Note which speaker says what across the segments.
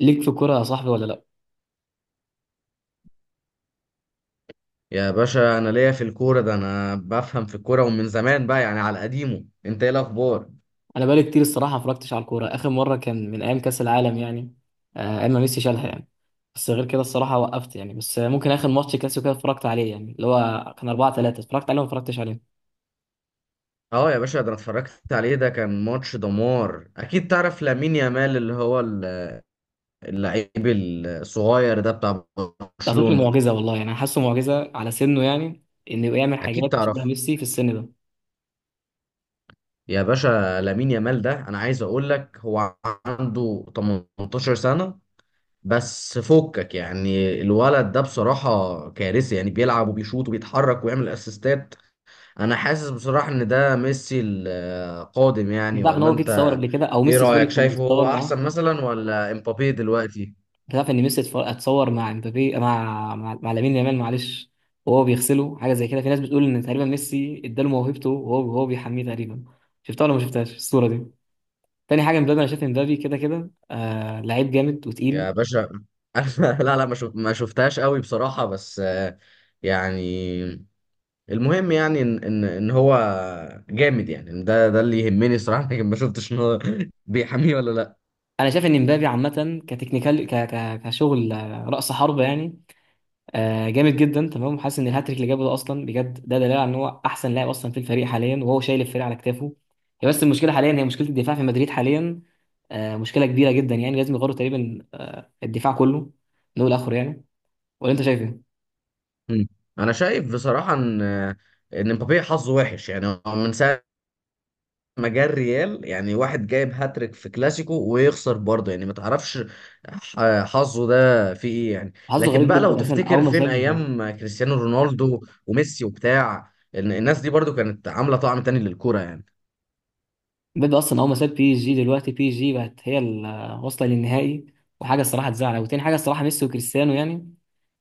Speaker 1: ليك في الكوره يا صاحبي ولا لا.
Speaker 2: يا باشا انا ليا في الكوره، ده انا بفهم في الكوره ومن زمان بقى يعني على قديمه. انت ايه الاخبار؟
Speaker 1: انا بقالي كتير الصراحه ما اتفرجتش على الكوره، اخر مره كان من ايام كاس العالم يعني. ايام ما ميسي شالها يعني. بس غير كده الصراحه وقفت يعني، بس ممكن اخر ماتش كلاسيكو كده اتفرجت عليه يعني، اللي هو كان 4-3، اتفرجت عليه وما اتفرجتش عليه.
Speaker 2: اه يا باشا، ده انا اتفرجت عليه. ده كان ماتش دمار. اكيد تعرف لامين يامال اللعيب الصغير ده بتاع
Speaker 1: ده طفل
Speaker 2: برشلونه.
Speaker 1: معجزه والله يعني، انا حاسه معجزه على سنه يعني، انه يعمل
Speaker 2: اكيد
Speaker 1: حاجات شبه
Speaker 2: تعرف
Speaker 1: ميسي في السن ده.
Speaker 2: يا باشا. لامين يامال ده انا عايز اقول لك هو عنده 18 سنه بس فكك. يعني الولد ده بصراحه كارثي، يعني بيلعب وبيشوط وبيتحرك ويعمل اسيستات. انا حاسس بصراحة ان ده ميسي القادم، يعني
Speaker 1: انت عارف ان
Speaker 2: ولا
Speaker 1: هو جه يتصور
Speaker 2: انت؟
Speaker 1: قبل كده، او
Speaker 2: ايه
Speaker 1: ميسي سوري
Speaker 2: رأيك،
Speaker 1: كان
Speaker 2: شايفه هو
Speaker 1: متصور معاه.
Speaker 2: احسن مثلا ولا امبابي دلوقتي؟
Speaker 1: تعرف ان ميسي اتصور مع امبابي مع لامين يامال، معلش، وهو بيغسله حاجه زي كده. في ناس بتقول ان تقريبا ميسي اداله موهبته، وهو بيحميه تقريبا. شفتها ولا ما شفتهاش الصوره دي؟ تاني حاجه مبابي، انا شايف إن مبابي كده كده لعيب جامد
Speaker 2: يا
Speaker 1: وتقيل.
Speaker 2: باشا أنا لا لا ما شف- ما شفتهاش قوي بصراحة، بس آه، يعني المهم يعني ان هو جامد، يعني إن ده اللي يهمني صراحة. لكن ما شفتش ان هو بيحميه ولا لا.
Speaker 1: انا شايف ان مبابي عامه كتكنيكال ك ك كشغل، راس حربه يعني. جامد جدا تمام، حاسس ان الهاتريك اللي جابه ده اصلا بجد، ده دليل على ان هو احسن لاعب اصلا في الفريق حاليا، وهو شايل الفريق على كتافه. هي بس المشكله حاليا هي مشكله الدفاع في مدريد حاليا. مشكله كبيره جدا يعني، لازم يغيروا تقريبا الدفاع كله من اول لاخره يعني. ولا انت شايف ايه؟
Speaker 2: مم. انا شايف بصراحة ان امبابي حظه وحش. يعني هو من ساعة مجال ريال، يعني واحد جايب هاتريك في كلاسيكو ويخسر برضه، يعني ما تعرفش حظه ده فيه ايه يعني.
Speaker 1: حظه
Speaker 2: لكن
Speaker 1: غريب
Speaker 2: بقى لو
Speaker 1: جدا، اصلا
Speaker 2: تفتكر
Speaker 1: اول ما
Speaker 2: فين
Speaker 1: ساب.
Speaker 2: ايام كريستيانو رونالدو وميسي وبتاع، إن الناس دي برضه كانت عاملة طعم تاني للكورة يعني.
Speaker 1: اصلا اول ما ساب بي اس جي، دلوقتي بي اس جي بقت هي واصله للنهائي. وحاجه الصراحه تزعل، وتاني حاجه الصراحه ميسي وكريستيانو يعني.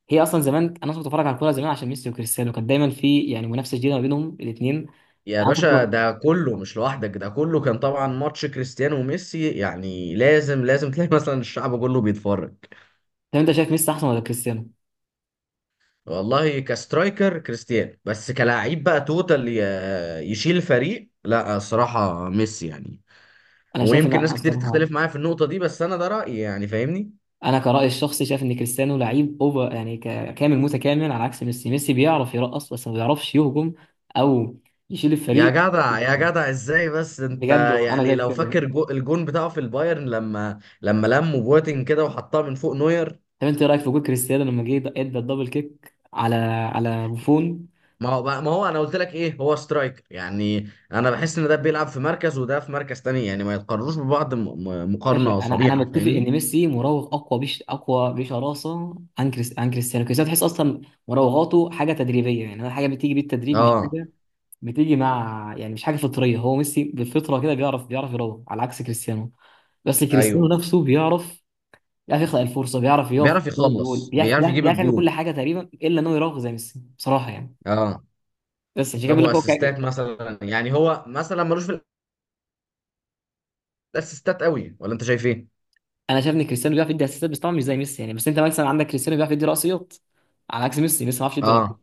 Speaker 1: هي اصلا زمان انا كنت بتفرج على الكوره زمان عشان ميسي وكريستيانو، كانت دايما في يعني منافسه جديده ما بينهم الاثنين.
Speaker 2: يا باشا ده كله مش لوحدك، ده كله كان طبعا ماتش كريستيانو وميسي، يعني لازم لازم تلاقي مثلا الشعب كله بيتفرج.
Speaker 1: طب انت شايف ميسي احسن ولا كريستيانو؟
Speaker 2: والله كسترايكر كريستيانو، بس كلاعب بقى توتال يشيل فريق، لا الصراحة ميسي يعني.
Speaker 1: انا شايف ان
Speaker 2: ويمكن
Speaker 1: لا
Speaker 2: ناس كتير تختلف
Speaker 1: الصراحه.
Speaker 2: معايا في النقطة دي، بس أنا ده رأيي يعني. فاهمني؟
Speaker 1: انا كرأيي الشخصي شايف ان كريستيانو لعيب اوفر يعني، كامل متكامل على عكس ميسي، ميسي بيعرف يرقص بس ما بيعرفش يهجم او يشيل
Speaker 2: يا
Speaker 1: الفريق.
Speaker 2: جدع يا جدع ازاي بس انت؟
Speaker 1: بجد انا
Speaker 2: يعني
Speaker 1: شايف
Speaker 2: لو فاكر
Speaker 1: كده.
Speaker 2: جو الجون بتاعه في البايرن لما لموا بواتين كده وحطها من فوق نوير.
Speaker 1: طب انت ايه رايك في جول كريستيانو لما جه ادى الدبل كيك على بوفون؟
Speaker 2: ما هو انا قلت لك ايه، هو سترايكر. يعني انا بحس ان ده بيلعب في مركز وده في مركز تاني، يعني ما يتقارنوش ببعض
Speaker 1: ماشي،
Speaker 2: مقارنة
Speaker 1: انا
Speaker 2: صريحة.
Speaker 1: متفق
Speaker 2: فاهمني؟
Speaker 1: ان ميسي مراوغ اقوى اقوى بشراسه عن كريستيانو. كريستيانو تحس اصلا مراوغاته حاجه تدريبيه يعني، حاجه بتيجي بالتدريب مش
Speaker 2: اه.
Speaker 1: حاجه بتيجي مع يعني، مش حاجه فطريه. هو ميسي بالفطره كده بيعرف يروح على عكس كريستيانو. بس كريستيانو
Speaker 2: ايوه
Speaker 1: نفسه بيعرف يخلق الفرصه، بيعرف يقف
Speaker 2: بيعرف
Speaker 1: قدام الجول،
Speaker 2: يخلص،
Speaker 1: بيعرف
Speaker 2: بيعرف
Speaker 1: بيعرف
Speaker 2: يجيب
Speaker 1: بيعرف يعمل كل
Speaker 2: الجون.
Speaker 1: حاجه تقريبا، الا انه يراوغ زي ميسي بصراحه يعني.
Speaker 2: اه.
Speaker 1: بس عشان كده
Speaker 2: طب
Speaker 1: بقول لك هو
Speaker 2: واسيستات
Speaker 1: كده.
Speaker 2: مثلا، يعني هو مثلا ملوش في الاسيستات قوي، ولا انت شايف ايه؟
Speaker 1: انا شايف ان كريستيانو بيعرف يدي اسيستات بس طبعا مش زي ميسي يعني، بس انت مثلا عندك كريستيانو بيعرف يدي رأسيات على عكس ميسي، ميسي ما بيعرفش يدي رأسيات.
Speaker 2: اه.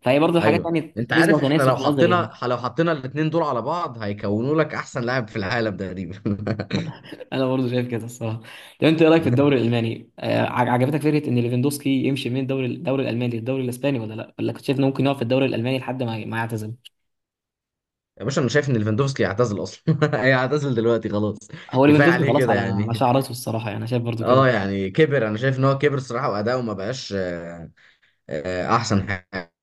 Speaker 1: فهي برضه حاجات
Speaker 2: ايوه
Speaker 1: يعني
Speaker 2: انت
Speaker 1: نسبه
Speaker 2: عارف، احنا لو
Speaker 1: وتناسب في نظري يعني.
Speaker 2: حطينا لو حطينا الاثنين دول على بعض هيكونوا لك احسن لاعب في العالم تقريبا.
Speaker 1: انا برضه شايف كده الصراحه. طب انت ايه رايك في الدوري الالماني؟ عجبتك فكره ان ليفاندوسكي يمشي من الدوري الالماني للدوري الاسباني ولا لا، ولا كنت شايف انه ممكن يقعد في الدوري الالماني لحد ما يعتزل؟
Speaker 2: يا باشا انا شايف ان ليفاندوفسكي يعتزل اصلا. هيعتزل دلوقتي خلاص.
Speaker 1: هو
Speaker 2: كفايه
Speaker 1: ليفاندوسكي
Speaker 2: عليه
Speaker 1: خلاص
Speaker 2: كده
Speaker 1: على
Speaker 2: يعني.
Speaker 1: شعر راسه الصراحه يعني، انا شايف برضه كده.
Speaker 2: اه يعني كبر. انا شايف ان هو كبر الصراحه، واداؤه ما بقاش احسن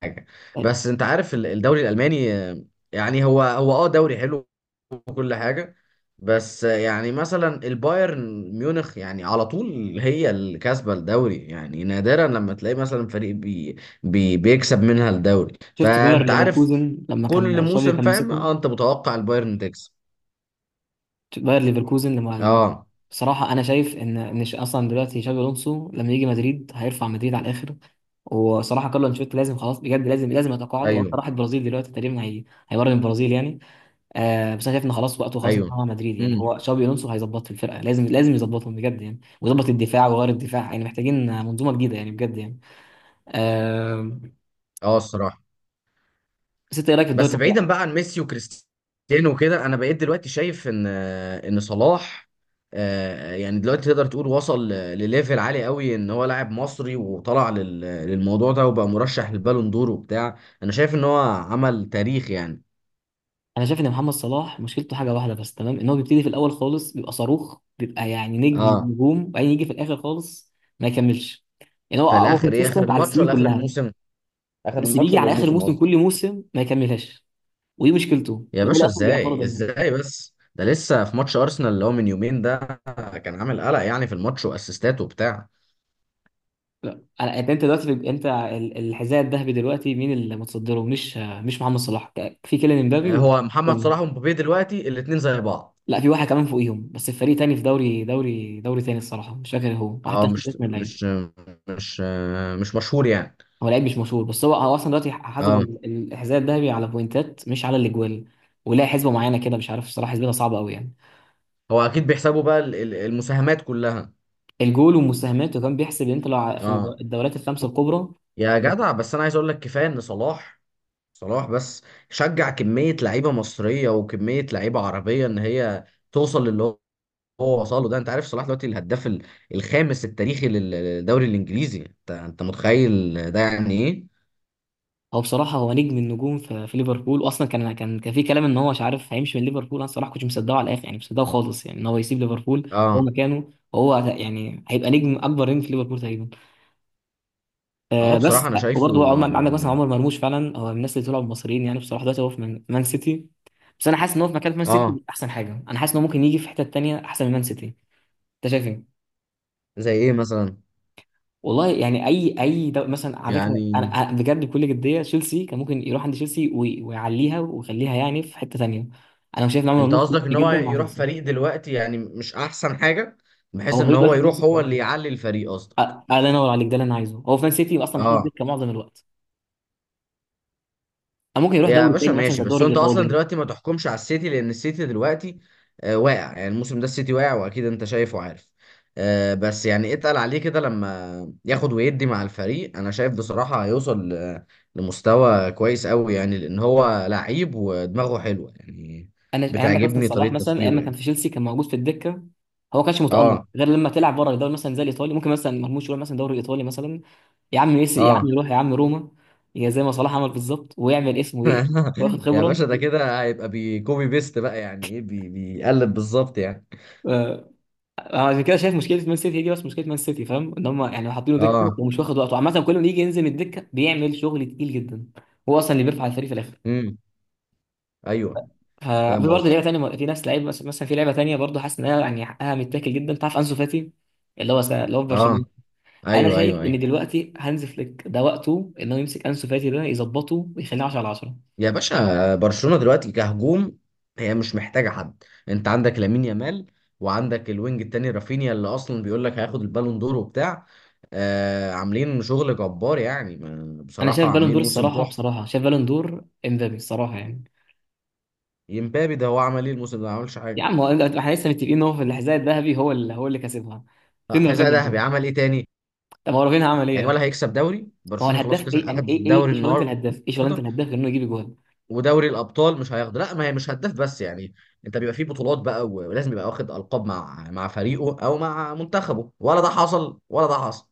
Speaker 2: حاجه.
Speaker 1: طيب،
Speaker 2: بس انت عارف الدوري الالماني، يعني هو اه دوري حلو وكل حاجة. بس يعني مثلا البايرن ميونخ يعني على طول هي اللي كاسبة الدوري، يعني نادرا لما تلاقي مثلا فريق بي بيكسب منها الدوري،
Speaker 1: شفت باير
Speaker 2: فأنت عارف
Speaker 1: ليفركوزن لما
Speaker 2: كل
Speaker 1: كان شافي
Speaker 2: موسم.
Speaker 1: كان
Speaker 2: فاهم؟ اه
Speaker 1: ماسكهم؟
Speaker 2: انت متوقع البايرن تكسب.
Speaker 1: شفت باير ليفركوزن لما.
Speaker 2: اه
Speaker 1: بصراحه انا شايف ان اصلا دلوقتي شابي الونسو لما يجي مدريد هيرفع مدريد على الاخر. وصراحه كارلو انشيلوتي لازم خلاص بجد لازم يتقاعد. هو أصلاً
Speaker 2: ايوه
Speaker 1: راح البرازيل دلوقتي تقريبا، هي هيمرن البرازيل يعني. بس انا شايف ان خلاص وقته خلاص انتهى
Speaker 2: ايوه.
Speaker 1: مع مدريد يعني،
Speaker 2: امم
Speaker 1: هو شابي الونسو هيظبط في الفرقه، لازم يظبطهم بجد يعني، ويظبط الدفاع وغير الدفاع يعني، محتاجين منظومه جديده يعني بجد يعني. آه
Speaker 2: اه الصراحة.
Speaker 1: بس انت ايه رايك في الدوري
Speaker 2: بس
Speaker 1: الإيطالي؟
Speaker 2: بعيدا بقى عن ميسي وكريستيانو وكده، انا بقيت دلوقتي شايف ان صلاح، آه، يعني دلوقتي تقدر تقول وصل لليفل عالي قوي، ان هو لاعب مصري وطلع للموضوع ده وبقى مرشح للبالون دور وبتاع. انا شايف ان هو عمل تاريخ يعني.
Speaker 1: انا شايف ان محمد صلاح مشكلته حاجه واحده بس، تمام. ان هو بيبتدي في الاول خالص بيبقى صاروخ، بيبقى يعني نجم
Speaker 2: اه.
Speaker 1: نجوم، وبعدين يجي في الاخر خالص ما يكملش. يعني هو
Speaker 2: في
Speaker 1: هو
Speaker 2: الاخر ايه، اخر
Speaker 1: كونسيستنت على
Speaker 2: الماتش
Speaker 1: السنين
Speaker 2: ولا اخر
Speaker 1: كلها،
Speaker 2: الموسم؟ اخر
Speaker 1: بس
Speaker 2: الماتش
Speaker 1: بيجي
Speaker 2: ولا
Speaker 1: على اخر
Speaker 2: الموسم
Speaker 1: موسم
Speaker 2: قصدك؟
Speaker 1: كل موسم ما يكملهاش. ودي مشكلته،
Speaker 2: يا
Speaker 1: وده اللي
Speaker 2: باشا
Speaker 1: اصلا بيأخره
Speaker 2: ازاي
Speaker 1: دايما.
Speaker 2: ازاي، بس ده لسه في ماتش ارسنال اللي هو من يومين ده كان عامل قلق يعني في الماتش واسيستات وبتاع.
Speaker 1: لا أنا- انت أنت دلوقتي الحذاء الذهبي دلوقتي مين اللي متصدره؟ مش محمد صلاح، في كيليان امبابي
Speaker 2: آه، هو محمد
Speaker 1: تاني.
Speaker 2: صلاح ومبابي دلوقتي الاتنين زي بعض.
Speaker 1: لا، في واحد كمان فوقيهم، بس في فريق تاني في دوري تاني الصراحه، مش فاكر هو، وحتى
Speaker 2: اه
Speaker 1: مش فاكر اسم اللعيب.
Speaker 2: مش مش مشهور يعني.
Speaker 1: هو لعيب مش مشهور، بس هو اصلا دلوقتي حاسب
Speaker 2: اه،
Speaker 1: الحذاء الذهبي على بوينتات مش على الاجوال، ولا حسبه معينه كده مش عارف، الصراحه حسبتها صعبه قوي يعني.
Speaker 2: هو اكيد بيحسبوا بقى المساهمات كلها.
Speaker 1: الجول والمساهمات، وكان بيحسب يعني انت لو في
Speaker 2: اه.
Speaker 1: الدوريات الخمسه الكبرى.
Speaker 2: يا جدع بس انا عايز اقول لك كفايه ان صلاح بس شجع كميه لعيبه مصريه وكميه لعيبه عربيه ان هي توصل للي هو هو وصله ده. انت عارف صلاح دلوقتي الهداف الخامس التاريخي للدوري الانجليزي، انت انت متخيل ده يعني ايه؟
Speaker 1: هو بصراحة هو نجم النجوم في ليفربول، وأصلا كان في كلام إن هو مش عارف هيمشي من ليفربول. أنا الصراحة كنت مصدقه على الآخر يعني، مش مصدقه خالص يعني إن هو يسيب ليفربول، هو
Speaker 2: اه
Speaker 1: مكانه وهو يعني هيبقى نجم، أكبر نجم في ليفربول تقريبا.
Speaker 2: اه بصراحه
Speaker 1: بس
Speaker 2: انا شايفه.
Speaker 1: وبرضه عمر، عندك مثلا عمر مرموش، فعلا هو من الناس اللي طلعوا المصريين يعني، بصراحة دلوقتي هو في مان سيتي. بس أنا حاسس إن هو في مكان في مان
Speaker 2: اه. آه،
Speaker 1: سيتي أحسن حاجة، أنا حاسس إن هو ممكن يجي في حتة تانية أحسن من مان سيتي. أنت شايف إيه؟
Speaker 2: زي ايه مثلا؟
Speaker 1: والله يعني مثلا، على فكره، انا
Speaker 2: يعني
Speaker 1: أنا بجد بكل جديه تشيلسي، كان ممكن يروح عند تشيلسي ويعليها ويخليها يعني في حته ثانيه. انا شايف ان عمرو
Speaker 2: انت
Speaker 1: مرموش كويس
Speaker 2: قصدك ان هو
Speaker 1: جدا مع
Speaker 2: يروح
Speaker 1: تشيلسي.
Speaker 2: فريق دلوقتي يعني مش احسن حاجه، بحيث
Speaker 1: هو
Speaker 2: ان
Speaker 1: فريق
Speaker 2: هو
Speaker 1: دلوقتي في مان
Speaker 2: يروح هو
Speaker 1: سيتي.
Speaker 2: اللي يعلي الفريق اصلا.
Speaker 1: أ- الله ينور عليك، ده اللي انا عايزه، هو في مان سيتي اصلا محطوط
Speaker 2: اه.
Speaker 1: دكه معظم الوقت. أو ممكن يروح
Speaker 2: يا
Speaker 1: دوري
Speaker 2: باشا
Speaker 1: تاني مثلا
Speaker 2: ماشي،
Speaker 1: زي
Speaker 2: بس
Speaker 1: الدوري
Speaker 2: هو انت اصلا
Speaker 1: الايطالي.
Speaker 2: دلوقتي ما تحكمش على السيتي، لان السيتي دلوقتي آه واقع. يعني الموسم ده السيتي واقع، واكيد انت شايف وعارف. آه بس يعني اتقل عليه كده لما ياخد ويدي مع الفريق. انا شايف بصراحه هيوصل لمستوى كويس قوي، يعني لان هو لعيب ودماغه حلوه يعني.
Speaker 1: انا عندك مثلا
Speaker 2: بتعجبني
Speaker 1: صلاح،
Speaker 2: طريقه
Speaker 1: مثلا ايام
Speaker 2: تفكيره
Speaker 1: ما كان في
Speaker 2: يعني.
Speaker 1: تشيلسي كان موجود في الدكه، هو ما كانش متالق
Speaker 2: اه.
Speaker 1: غير لما تلعب بره الدوري مثلا زي الايطالي. ممكن مثلا مرموش يروح مثلا الدوري الايطالي مثلا، يا عم ميسي، يا عم
Speaker 2: اه.
Speaker 1: يروح يا عم روما، يا زي ما صلاح عمل بالظبط، ويعمل اسمه ايه، واخد
Speaker 2: يا باشا
Speaker 1: خبره.
Speaker 2: ده كده هيبقى بيكوبي بيست بقى، يعني ايه بيقلب بالظبط يعني.
Speaker 1: آه، أنا عشان كده شايف مشكله مان سيتي دي، بس مشكله مان سيتي فاهم ان هم يعني حاطينه دكه
Speaker 2: اه.
Speaker 1: ومش واخد وقته عامه، كل ما يجي ينزل من الدكه بيعمل شغل تقيل جدا، هو اصلا اللي بيرفع الفريق في الاخر.
Speaker 2: امم. ايوه
Speaker 1: ف- في
Speaker 2: فاهم
Speaker 1: برضه لعيبه
Speaker 2: قصدك.
Speaker 1: ثانيه، في ناس لعيبه مثلا، في لعيبه ثانيه برضه حاسس انها يعني حقها متاكل جدا، تعرف انسو فاتي اللي هو في
Speaker 2: اه
Speaker 1: برشلونه. انا
Speaker 2: ايوه
Speaker 1: شايف
Speaker 2: ايوه
Speaker 1: ان
Speaker 2: ايوه.
Speaker 1: دلوقتي هانز فليك ده وقته ان هو يمسك انسو فاتي ده، يظبطه ويخليه 10 على 10.
Speaker 2: يا باشا برشلونة دلوقتي كهجوم، هي مش محتاجة حد. انت عندك لامين يامال، وعندك الوينج التاني رافينيا اللي اصلا بيقول لك هياخد البالون دور وبتاع. آه عاملين شغل جبار، يعني
Speaker 1: انا
Speaker 2: بصراحة
Speaker 1: شايف بالون دور
Speaker 2: عاملين موسم
Speaker 1: الصراحه،
Speaker 2: تحفة.
Speaker 1: بصراحه شايف بالون دور امبابي الصراحه يعني.
Speaker 2: يمبابي ده هو عمل ايه الموسم ده؟ ما عملش
Speaker 1: يا
Speaker 2: حاجة.
Speaker 1: عم هو احنا لسه متفقين ان هو في الحذاء الذهبي، هو اللي كسبها.
Speaker 2: آه،
Speaker 1: فين
Speaker 2: حذاء
Speaker 1: رافينيا
Speaker 2: ذهبي
Speaker 1: طيب؟
Speaker 2: عمل ايه تاني؟
Speaker 1: طب هو رافينيا عمل ايه
Speaker 2: يعني
Speaker 1: يعني؟
Speaker 2: ولا هيكسب دوري؟
Speaker 1: هو
Speaker 2: برشلونه خلاص
Speaker 1: الهداف
Speaker 2: كسب،
Speaker 1: ايه يعني،
Speaker 2: اخد
Speaker 1: ايه ايه
Speaker 2: الدوري
Speaker 1: إيه شغلانه
Speaker 2: النهارده،
Speaker 1: الهداف، ايه شغلانه الهداف غير انه يجيب جول؟
Speaker 2: ودوري الابطال مش هياخده؟ لا، ما هي مش هداف بس يعني. انت بيبقى فيه بطولات بقى ولازم يبقى واخد القاب مع مع فريقه او مع منتخبه، ولا ده حصل ولا ده حصل؟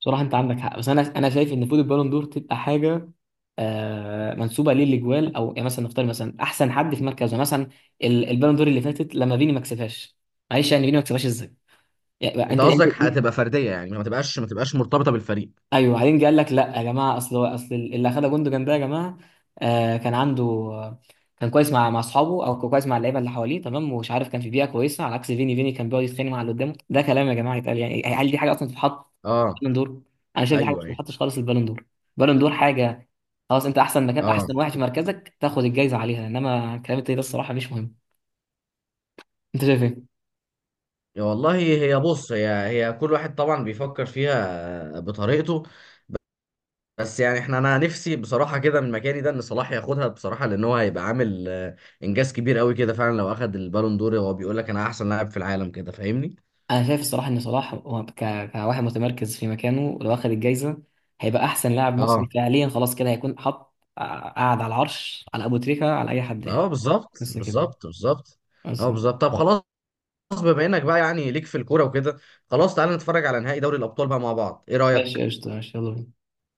Speaker 1: بصراحه انت عندك حق، بس انا شايف ان المفروض البالون دور تبقى حاجه منسوبه ليه الاجوال، او يعني مثلا نختار مثلا احسن حد في مركزه مثلا. البالون دور اللي فاتت لما فيني ما كسبهاش، معلش يعني، فيني ما كسبهاش ازاي يعني؟
Speaker 2: انت
Speaker 1: انت،
Speaker 2: قصدك هتبقى فرديه، يعني ما تبقاش مرتبطه بالفريق.
Speaker 1: ايوه، بعدين جه قال لك لا يا جماعه، اصل اللي اخدها جوندوجان ده يا جماعه، كان عنده، كان كويس مع اصحابه، او كويس مع اللعيبه اللي حواليه تمام، ومش عارف كان في بيئه كويسه، على عكس فيني، فيني كان بيقعد يتخانق مع اللي قدامه. ده كلام يا جماعه يتقال يعني؟ هل دي حاجه اصلا تتحط في
Speaker 2: اه
Speaker 1: البالون دور؟ انا شايف دي حاجه
Speaker 2: ايوه
Speaker 1: ما
Speaker 2: ايوه.
Speaker 1: تتحطش خالص في البالون دور. البالون دور حاجه، خلاص، انت احسن مكان،
Speaker 2: اه.
Speaker 1: احسن واحد في مركزك تاخد الجايزه عليها، انما الكلام التاني ده الصراحه مش مهم. انت شايف ايه؟
Speaker 2: يا والله، هي بص، هي كل واحد طبعا بيفكر فيها بطريقته. بس يعني احنا، انا نفسي بصراحه كده من مكاني ده، ان صلاح ياخدها بصراحه، لان هو هيبقى عامل آه، انجاز كبير قوي كده. فعلا لو اخد البالون دور، هو بيقول لك انا احسن لاعب في العالم كده. فاهمني؟
Speaker 1: انا شايف الصراحه ان صلاح هو كواحد متمركز في مكانه لو اخذ الجايزه، هيبقى احسن لاعب مصري
Speaker 2: اه.
Speaker 1: فعليا، خلاص كده هيكون حط قاعد على العرش، على ابو تريكه على اي حد يعني.
Speaker 2: اه بالظبط
Speaker 1: بس كده يعني.
Speaker 2: بالظبط بالظبط.
Speaker 1: بس.
Speaker 2: اه بالظبط. طب خلاص، بما انك بقى يعني ليك في الكوره وكده، خلاص تعالى نتفرج على نهائي دوري الابطال بقى مع بعض، ايه
Speaker 1: ماشي
Speaker 2: رايك؟
Speaker 1: قشطه، ماشي يلا بينا.